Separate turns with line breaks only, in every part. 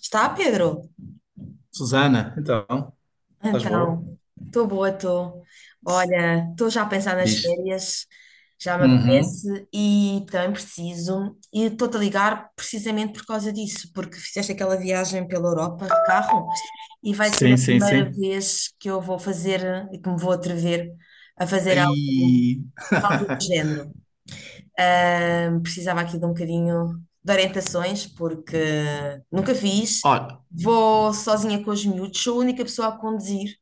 Está, Pedro?
Susana, então, estás boa?
Então, estou boa, estou. Olha, estou já a pensar nas
Diz.
férias, já me
Uhum.
apetece e também preciso. E estou-te a ligar precisamente por causa disso, porque fizeste aquela viagem pela Europa de carro e vai ser
Sim,
a
sim,
primeira
sim.
vez que eu vou fazer e que me vou atrever a fazer algo,
E...
algo do género. Precisava aqui de um bocadinho de orientações, porque nunca fiz.
Olha,
Vou sozinha com os miúdos, sou a única pessoa a conduzir.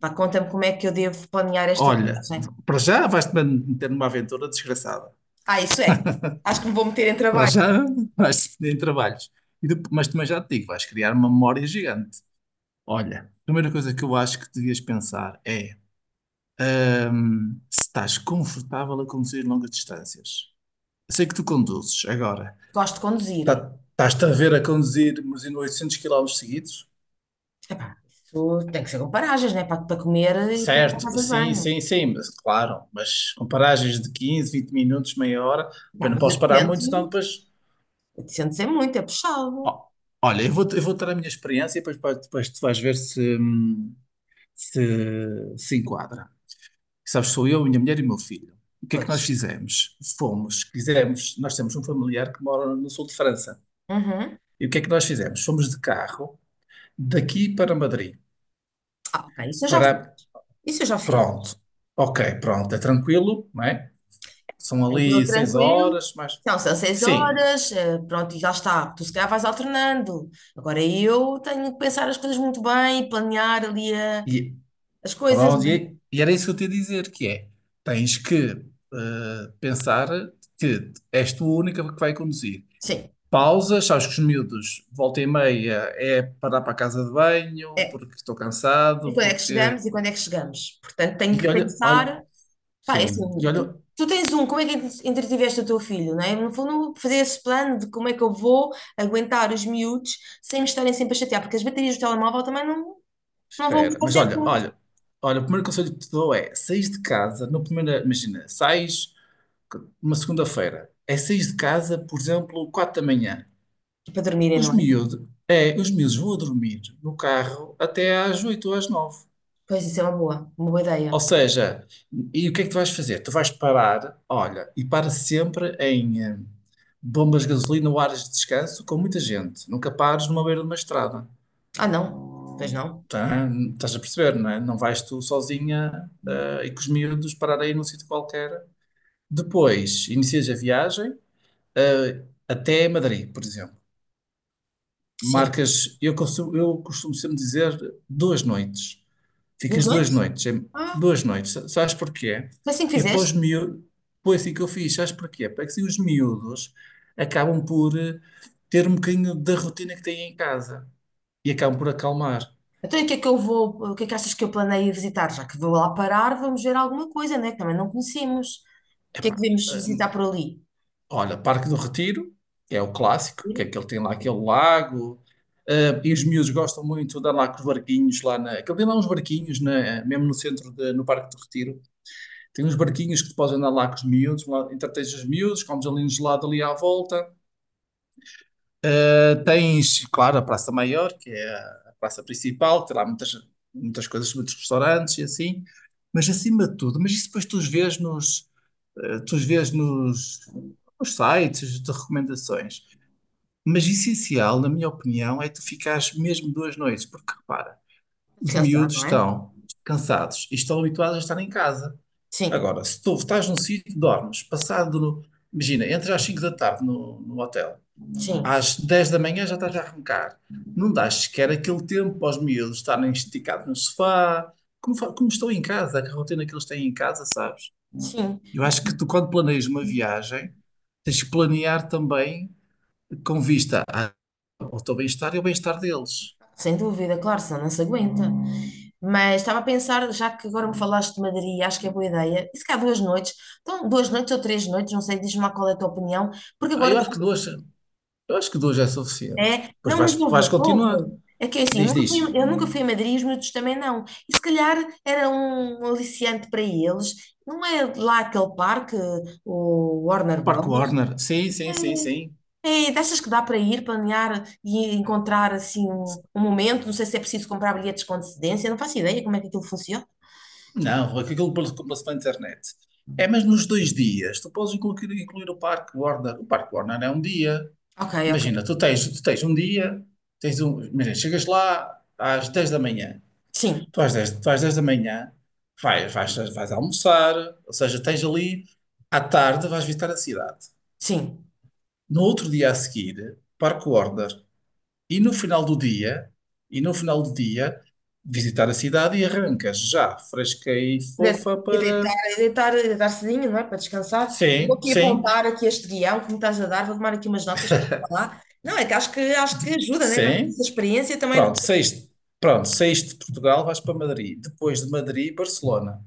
Pá, conta-me como é que eu devo planear esta
olha,
viagem.
para já vais-te meter numa aventura desgraçada.
Ah, isso é. Acho que me vou meter em
Para
trabalho.
já vais-te meter em trabalhos. E depois, mas também já te digo, vais criar uma memória gigante. Olha, a primeira coisa que eu acho que devias pensar é se estás confortável a conduzir longas distâncias. Eu sei que tu conduzes agora.
Gosto de conduzir.
Estás-te a ver a conduzir mas em 800 quilómetros seguidos?
Epá, isso tem que ser com paragens, né? Para comer e para ir para
Certo,
casa de
sim,
banho.
sim, sim, mas claro, mas com paragens de 15 20 minutos, meia hora,
Pá,
bem, não
mas
posso parar muito, senão
800,
depois.
800 é muito, é puxado.
Ó, olha, eu vou ter a minha experiência e depois, depois tu vais ver se, se se enquadra. Sabes, sou eu, minha mulher e meu filho. O que é que
Pois.
nós fizemos? Fomos, quisemos, nós temos um familiar que mora no sul de França.
Uhum.
E o que é que nós fizemos? Fomos de carro daqui para Madrid,
Ah, ok. Isso eu já fiz.
para.
Isso eu já fiz.
Pronto, ok, pronto, é tranquilo, não é? São
Tranquilo,
ali seis
tranquilo.
horas, mais.
Então, são seis
Sim,
horas, pronto, e já está. Tu se calhar vais alternando. Agora eu tenho que pensar as coisas muito bem, e planear ali
e
as coisas,
pronto,
não é?
e era isso que eu te ia dizer, que é, tens que pensar que és tu a única que vai conduzir.
Sim,
Pausas, sabes que os miúdos, volta e meia, é parar para a casa de banho,
é.
porque estou
E
cansado,
quando é que
porque...
chegamos e quando é que chegamos? Portanto, tenho
E
que
olha, olha,
pensar. Pá, é assim,
sim,
tu, tu tens um, como é que entretiveste o teu filho, não é? No fundo, fazer esse plano de como é que eu vou aguentar os miúdos sem me estarem sempre a chatear, porque as baterias do telemóvel também não, não vão
espera,
estar sempre
olha, o primeiro conselho que te dou é, saís de casa, no primeiro, imagina, sais uma segunda-feira, é saís de casa, por exemplo, quatro da manhã.
E para dormirem,
Os
não é?
miúdos, é, os miúdos vão a dormir no carro até às 8 ou às 9.
Pois isso é uma boa ideia.
Ou seja, e o que é que tu vais fazer? Tu vais parar, olha, e para sempre em bombas de gasolina ou áreas de descanso com muita gente. Nunca pares numa beira de uma estrada.
Ah, não. Pois não.
Tá? Estás a perceber, não é? Não vais tu sozinha e com os miúdos parar aí num sítio qualquer. Depois, inicias a viagem até Madrid, por exemplo.
Sim.
Marcas, eu costumo sempre dizer duas noites.
Dos
Ficas duas
oito?
noites, é-
Ah,
Duas noites. Sabes porquê?
foi assim que
Que é para os
fizeste?
miúdos. Foi assim que eu fiz, sabes porquê? Porque assim os miúdos acabam por ter um bocadinho da rotina que têm em casa e acabam por acalmar.
Então, e o que é que achas que eu planeio visitar? Já que vou lá parar, vamos ver alguma coisa, né? Que também não conhecemos. O que é que
Epá,
devemos
hum,
visitar por ali?
olha, Parque do Retiro, que é o clássico, que é que ele tem lá aquele lago, e os miúdos gostam muito de andar lá com os barquinhos lá na. Aquele tem lá uns barquinhos, mesmo no centro, no Parque do Retiro. Tem uns barquinhos que tu podes andar lá com os miúdos, lá entretens os miúdos, comes ali um gelado ali à volta. Tens, claro, a Praça Maior, que é a praça principal, tem lá muitas, muitas coisas, muitos restaurantes e assim, mas acima de tudo, mas isso depois tu os vês nos, nos sites de recomendações. Mas essencial, na minha opinião, é tu ficares mesmo duas noites, porque repara, os
Descansar,
miúdos
não é?
estão cansados e estão habituados a estar em casa.
Sim,
Agora, se tu estás num sítio, dormes, passado, imagina, entras às 5 da tarde no, no hotel
sim,
às 10 da manhã já estás a arrancar. Não dás sequer aquele tempo aos miúdos estarem esticados no sofá, como, como estão em casa, a rotina que eles têm em casa, sabes?
sim.
Eu acho que tu, quando planeias uma viagem, tens que planear também com vista ao teu bem-estar e ao bem-estar deles.
Sem dúvida, claro, senão não se aguenta. Mas estava a pensar, já que agora me falaste de Madrid, acho que é boa ideia. E se calhar duas noites, então duas noites ou três noites, não sei, diz-me lá qual é a tua opinião, porque
Ah,
agora
eu acho que duas é suficiente.
É,
Pois
não,
vais,
mas houve,
vais continuar.
houve. É que é assim, eu
Diz,
nunca fui,
diz.
eu nunca fui a Madrid, os miúdos também não. E se calhar era um aliciante para eles. Não é lá aquele parque, o Warner Bros.
Park Warner. Sim, sim, sim, sim.
É, dessas que dá para ir, planear e encontrar assim um momento. Não sei se é preciso comprar bilhetes com antecedência, não faço ideia como é que aquilo funciona.
Não, Rui, que aquilo compra-se pela internet. É, mas nos dois dias, tu podes incluir o Parque Warner. O Parque Warner é um dia.
Ok, ok.
Imagina, tu tens um dia, tens um, imagina, chegas lá às 10 da manhã.
Sim,
Tu às 10 da manhã vais almoçar, ou seja, tens ali, à tarde vais visitar a cidade.
sim.
No outro dia a seguir, Parque Warner. E no final do dia, e no final do dia, visitar a cidade e arrancas já fresca e fofa
E deitar,
para.
e deitar, e deitar cedinho, não é? Para descansar. Vou
Sim,
aqui
sim,
apontar aqui este guião que me estás a dar, vou tomar aqui umas notas para falar. Não, é que acho que ajuda, né? Já tive
sim.
essa experiência também.
Pronto, saíste. Pronto, saíste de Portugal, vais para Madrid. Depois de Madrid, Barcelona.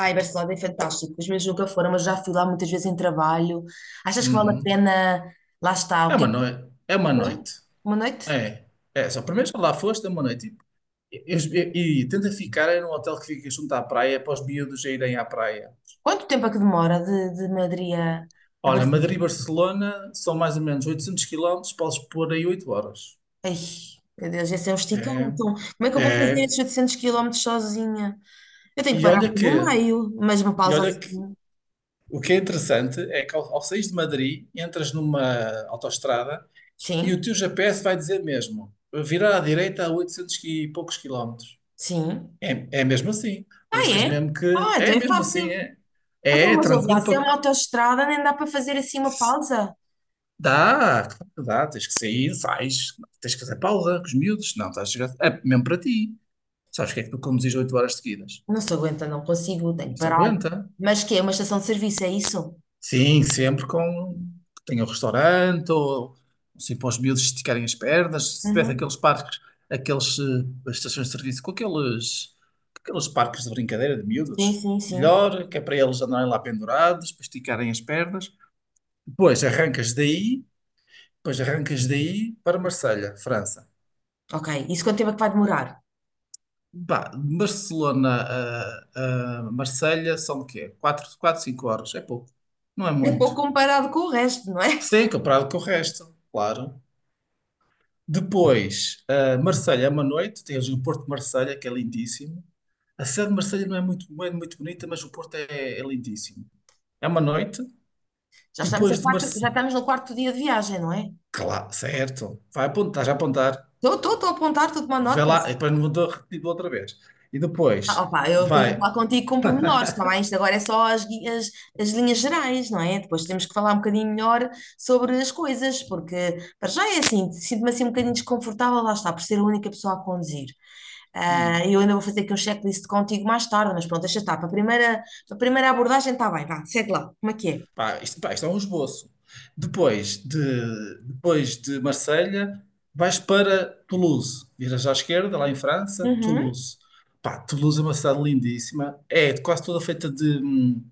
Ai, Barcelona é fantástico. Os meus nunca foram, mas já fui lá muitas vezes em trabalho. Achas que vale a
Uhum.
pena? Lá está.
É
O que é
uma
que...
noite. É uma
não?
noite.
Uma noite?
É. É, só primeiro já lá foste, é uma noite. E tenta ficar em um hotel que fica junto à praia, para os miúdos já irem à praia.
Quanto tempo é que demora de Madrid a
Olha, Madrid e
Barcelona?
Barcelona são mais ou menos 800 quilómetros, podes pôr aí 8 horas.
Ai, meu Deus, esse é um esticão.
É,
Então, como é que eu vou fazer
é.
esses 800 quilómetros sozinha? Eu tenho que
E olha
parar
que,
pelo meio, mas uma
e
pausa
olha.
assim.
O que é interessante é que ao sair de Madrid, entras numa autoestrada e o
Sim,
teu GPS vai dizer mesmo, virar à direita a 800 e poucos quilómetros.
sim.
É, é mesmo assim. Por
Ah,
isso tens
é?
mesmo que...
Ah, então
É
é
mesmo assim,
fácil.
é. É,
Então,
é
mas ouve lá,
tranquilo
se é
para...
uma autoestrada, nem dá para fazer assim uma pausa.
Dá, claro que dá. Tens que sair, sais. Tens que fazer pausa com os miúdos. Não, estás a chegar... É mesmo para ti. Sabes que é que tu conduzis 8 horas seguidas?
Não se aguenta, não consigo, tenho
Não
que
se
parar.
aguenta.
Mas que é uma estação de serviço, é isso?
Sim, sempre com. Tem o restaurante, ou assim, para os miúdos esticarem as pernas. Se tivesse
Uhum.
aqueles parques, estações de serviço, com aqueles parques de brincadeira de
Sim,
miúdos,
sim, sim.
melhor, que é para eles andarem lá pendurados, para esticarem as pernas. Depois arrancas daí, depois arrancas daí para Marselha, França.
Ok, isso quanto tempo é que vai demorar?
Bah, a Marselha são o quê? Quatro 5 horas, é pouco, não é
É pouco
muito.
comparado com o resto, não é?
Sim, comparado com o resto, claro. Depois, ah, Marselha é uma noite, tens o Porto de Marselha, que é lindíssimo. A cidade de Marselha não é muito bonita, mas o Porto é, é lindíssimo. É uma noite.
Já estamos a
Depois de
quatro, já
Marselha.
estamos no quarto dia de viagem, não é?
Claro, certo. Vai apontar, estás a apontar.
Estou a apontar, estou a tomar
Vê
notas.
lá, e depois não vou repetir outra vez. E
Ah,
depois
opa, eu depois vou
vai.
falar contigo com pormenores, está bem? Isto agora é só as linhas gerais, não é? Depois temos que falar um bocadinho melhor sobre as coisas, porque para já é assim, sinto-me assim um bocadinho desconfortável, lá está, por ser a única pessoa a conduzir.
hum,
Ah, eu ainda vou fazer aqui um checklist contigo mais tarde, mas pronto, deixa estar. Para a primeira abordagem está bem, vá, segue lá, como é que
Pá, pá, isto é um esboço. Depois de, depois de Marselha, vais para Toulouse. Viras à esquerda, lá em
é?
França,
Uhum.
Toulouse. Pá, Toulouse é uma cidade lindíssima. É quase toda feita de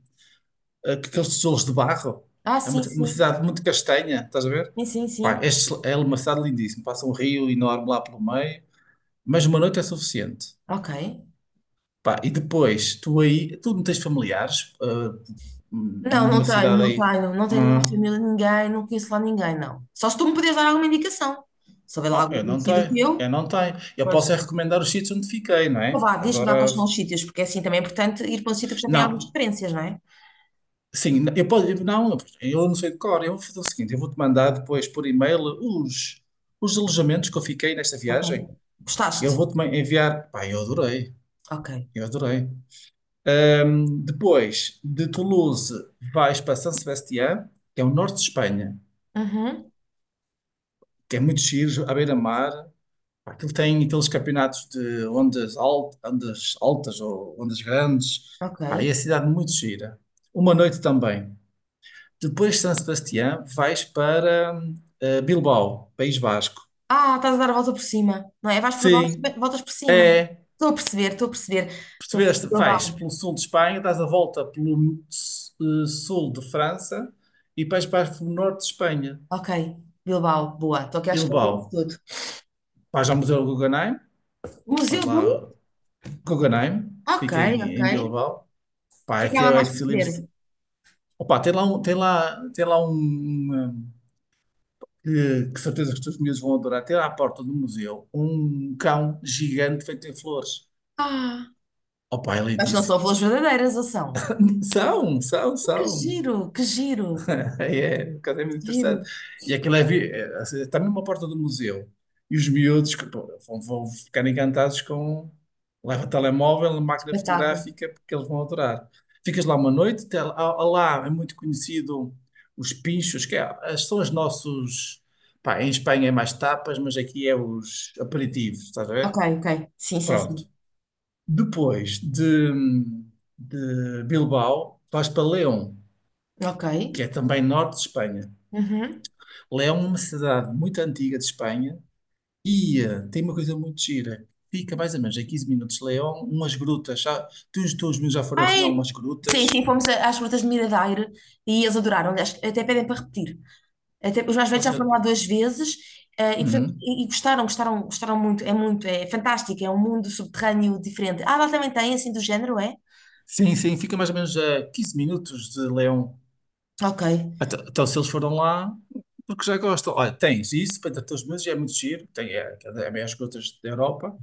aqueles tijolos de barro.
Ah,
É
sim,
uma
sim,
cidade muito castanha, estás a ver?
sim, sim,
Pá,
sim.
é, é uma cidade lindíssima. Passa um rio enorme lá pelo meio, mas uma noite é suficiente.
Ok.
Pá, e depois, tu aí, tu não tens familiares, ah,
Não, não
nenhuma
tenho,
cidade
não
aí.
tenho, não tenho lá
Hum.
família, ninguém, não conheço lá ninguém, não. Só se tu me podes dar alguma indicação. Se houver lá
Oh,
algum
eu não
conhecido
tenho,
teu,
eu não tenho. Eu posso
pois.
é recomendar os sítios onde fiquei, não
Então
é?
vá, diz-me lá
Agora,
quais são os sítios, porque é assim também é importante ir para um sítio que já tem algumas
não,
referências, não é?
sim, eu posso, não, eu não sei de cor. Eu vou fazer o seguinte, eu vou-te mandar depois por e-mail os alojamentos que eu fiquei nesta
Ok.
viagem.
Gostaste?
Enviar, pá, eu adorei,
Ok.
eu adorei. Depois, de Toulouse, vais para San Sebastián, que é o norte de Espanha,
Uhum,
que é muito giro, à beira-mar. Pá, aquilo tem aqueles campeonatos de ondas, ondas altas ou ondas grandes.
ok.
Pá, e a cidade muito gira. Uma noite também. Depois de San Sebastián, vais para Bilbao, País Vasco.
Ah, estás a dar a volta por cima, não é? Vais por baixo,
Sim,
voltas por cima.
é.
Estou a perceber, estou a perceber. Estou a perceber.
Percebeste? Vais
Bilbao.
pelo sul de Espanha, dás a volta pelo sul de França e depois vais para o norte de Espanha,
Ok, Bilbao, boa. Estou aqui à esquerda disso
Bilbao.
tudo.
Vais ao Museu Guggenheim,
Museu
vais
do.
lá, Guggenheim,
Ok,
fica
ok.
em, em
O
Bilbao. Pá,
que é que há
aqui é
lá
o
mais
ex.
para ver?
Opa, tem lá que certeza que os teus miúdos vão adorar. Tem lá à porta do museu um cão gigante feito em flores.
Ah.
Opa, é
Mas não
lindíssimo.
são flores verdadeiras, ou são?
São, são,
Que
são.
giro, que giro,
É, um bocado é muito
que giro.
interessante. E aquilo é, é, assim, está mesmo à porta do museu. E os miúdos que, pô, vão, vão ficar encantados com. Leva telemóvel, máquina
Espetáculo.
fotográfica, porque eles vão adorar. Ficas lá uma noite, há lá é muito conhecido os pinchos, que é, são os nossos. Pá, em Espanha é mais tapas, mas aqui é os aperitivos, estás a
Ok,
ver?
ok. Sim, sim, sim.
Pronto. Depois de, de Bilbao, vais para León,
Ok.
que é também norte de Espanha.
Uhum.
Leão é uma cidade muito antiga de Espanha e tem uma coisa muito gira. Fica mais ou menos a 15 minutos de Leão, umas grutas. Já, teus meus já foram assim a
Ai,
umas
sim,
grutas.
sim, fomos às frutas de Miradouro e eles adoraram. Aliás, até pedem para repetir. Até, os mais velhos
Pode
já
já-
foram lá duas vezes, e, portanto,
Uhum.
e gostaram, gostaram, gostaram muito. É muito, é fantástico, é um mundo subterrâneo diferente. Ah, lá também tem, assim, do género, é?
Sim, sim, fica mais ou menos a 15 minutos de Leão.
Ok.
Então, se eles foram lá, porque já gostam. Olha, tens isso para todos os meus, já é muito giro. É, as maiores grutas da Europa.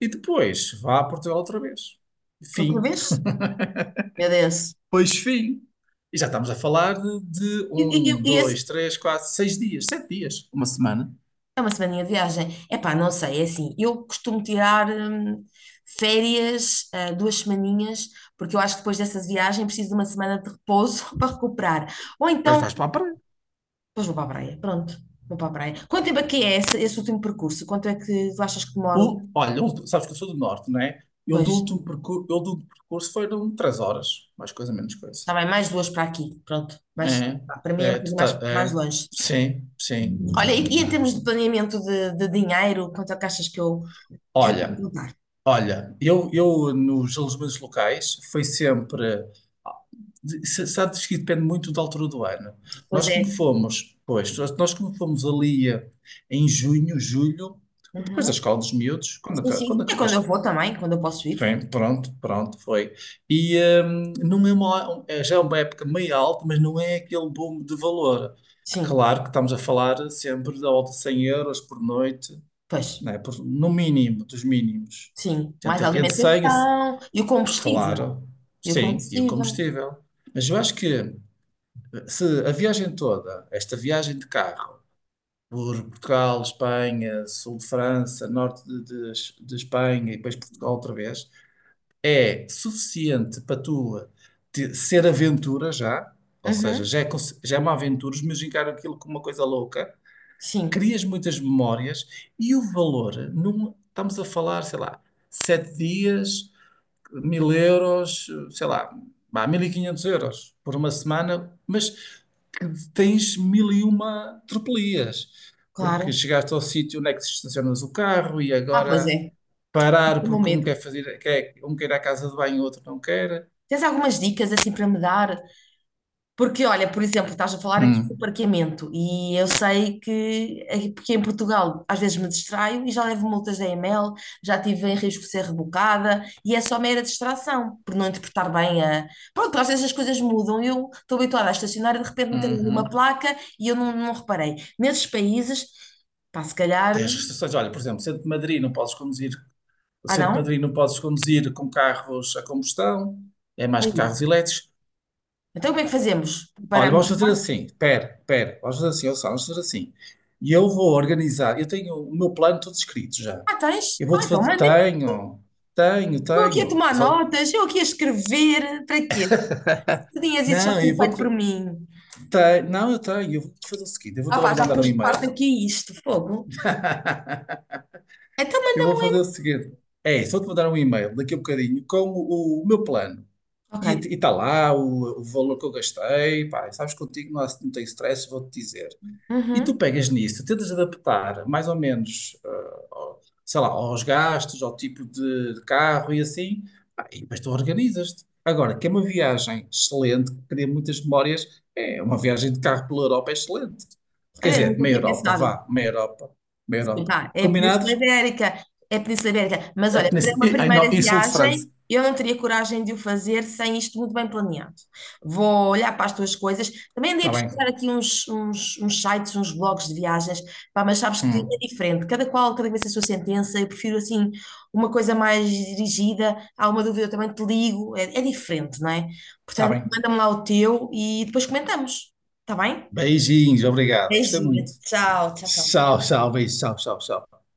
E depois, vá a Portugal outra vez.
Outra
Fim.
vez? É Deus.
Pois fim. E já estamos a falar de
E, e, e-
um,
e esse-
dois, três, quatro, seis dias, sete dias, uma semana.
É uma semaninha de viagem. Epá, não sei, é assim. Eu costumo tirar férias, duas semaninhas, porque eu acho que depois dessa viagem preciso de uma semana de repouso para recuperar. Ou
Mas
então,
vais para a praia.
depois vou para a praia. Pronto, vou para a praia. Quanto tempo é que é esse último percurso? Quanto é que tu achas que demoro?
Olha, sabes que eu sou do norte, não é?
Pois,
Eu do último percurso foram três horas, mais coisa, menos coisa.
está bem, mais duas para aqui. Pronto, mais,
É,
pá, para mim é um
é,
bocadinho mais, mais
é,
longe.
sim, sim.
Olha, e em termos de planeamento de dinheiro, quanto é que achas que que eu tenho que
Olha,
contar?
olha, eu nos alojamentos locais foi sempre. Sabes que depende muito da altura do ano.
Pois é.
Nós como fomos ali em junho, julho, depois da
Uhum.
escola dos miúdos, quando,
Sim,
quando
sim. É
acabou a
quando eu
escola.
vou também, quando eu posso ir.
Bem, pronto, pronto, foi. E não é uma, é já é uma época meio alta, mas não é aquele boom de valor.
Sim,
Claro que estamos a falar sempre de volta de 100 euros por noite,
pois,
né? No mínimo, dos mínimos.
sim. Mais
Entre, entre 100 e...
alimentação e o combustível.
Claro,
E o
sim, e o
combustível.
combustível. Mas eu acho que se a viagem toda, esta viagem de carro, por Portugal, Espanha, sul de França, de Espanha e depois Portugal outra vez, é suficiente para tu ser aventura já, ou seja,
Uhum,
já é, já é uma aventura, mas encarar aquilo como uma coisa louca,
sim,
crias muitas memórias e o valor, não estamos a falar, sei lá, sete dias, 1.000 euros, sei lá, vá, 1.500 euros por uma semana, mas que tens mil e uma tropelias, porque
claro.
chegaste ao sítio onde é que se estacionas o carro e
Ah, pois
agora
é, tenho
parar
o meu
porque um
medo.
quer fazer, quer, um quer ir à casa de banho e o outro não quer.
Tens algumas dicas assim para me dar? Porque, olha, por exemplo, estás a falar aqui do
Hum,
parqueamento e eu sei que aqui porque em Portugal às vezes me distraio e já levo multas da EML, já tive em risco de ser rebocada e é só mera distração, por não interpretar bem a... Pronto, às vezes as coisas mudam, eu estou habituada a estacionar e de repente meteram uma
uhum.
placa e eu não reparei. Nesses países, pá, se calhar...
Tens restrições. Olha, por exemplo, centro de Madrid não podes conduzir, o
Ah,
centro de
não?
Madrid não podes conduzir com carros a combustão, é mais que
Aí.
carros elétricos.
Então como é que fazemos?
Olha,
Paramos
vamos
o
fazer
carro?
assim. Pera, pera. Vamos fazer assim, ouça, vamos fazer assim. E eu vou organizar. Eu tenho o meu plano todo escrito já.
Ah, tens?
Eu
Ah,
vou-te
então
fazer.
mandem-me.
Tenho, tenho,
Eu aqui a
tenho.
tomar notas, eu aqui a escrever, para quê? Tu tinhas isso já
Não,
tudo
eu
feito
vou-te.
por mim.
Tenho, não, eu tenho. Eu vou fazer o seguinte. Eu vou-te
Ah pá,
agora
já
mandar um
pus de parte
e-mail.
aqui isto, fogo. Então
Eu
manda-me
vou
um e-mail.
fazer o seguinte. É, só te mandar um e-mail daqui a um bocadinho com o meu plano.
Ok.
E está lá o valor que eu gastei. Pá, sabes contigo, não tem stress, vou-te dizer. E
Uhum.
tu pegas nisso, tentas adaptar mais ou menos, ah, sei lá, aos gastos, ao tipo de carro e assim, pá, e depois tu organizas-te. Agora, que é uma viagem excelente, que cria muitas memórias, é uma viagem de carro pela Europa é excelente. Quer
Olha,
dizer,
nunca
meia
tinha
Europa,
pensado.
vá, meia Europa, meia Europa.
Vá, é a Península
Combinados?
Ibérica, é a Península Ibérica. Mas
É
olha,
que
para uma
ai,
primeira
não, e sul de França.
viagem, eu não teria coragem de o fazer sem isto muito bem planeado. Vou olhar para as tuas coisas. Também andei a
Está bem.
pesquisar aqui uns sites, uns blogs de viagens, pá, mas sabes que
Hum,
é diferente. Cada qual, cada vez a sua sentença. Eu prefiro assim uma coisa mais dirigida. Há uma dúvida, eu também te ligo. É diferente, não é?
está
Portanto,
bem.
manda-me lá o teu e depois comentamos. Está bem?
Beijinhos, obrigado. Gostei
Beijinho.
muito.
Tchau, tchau, tchau.
Tchau, tchau, beijo, tchau, tchau, tchau.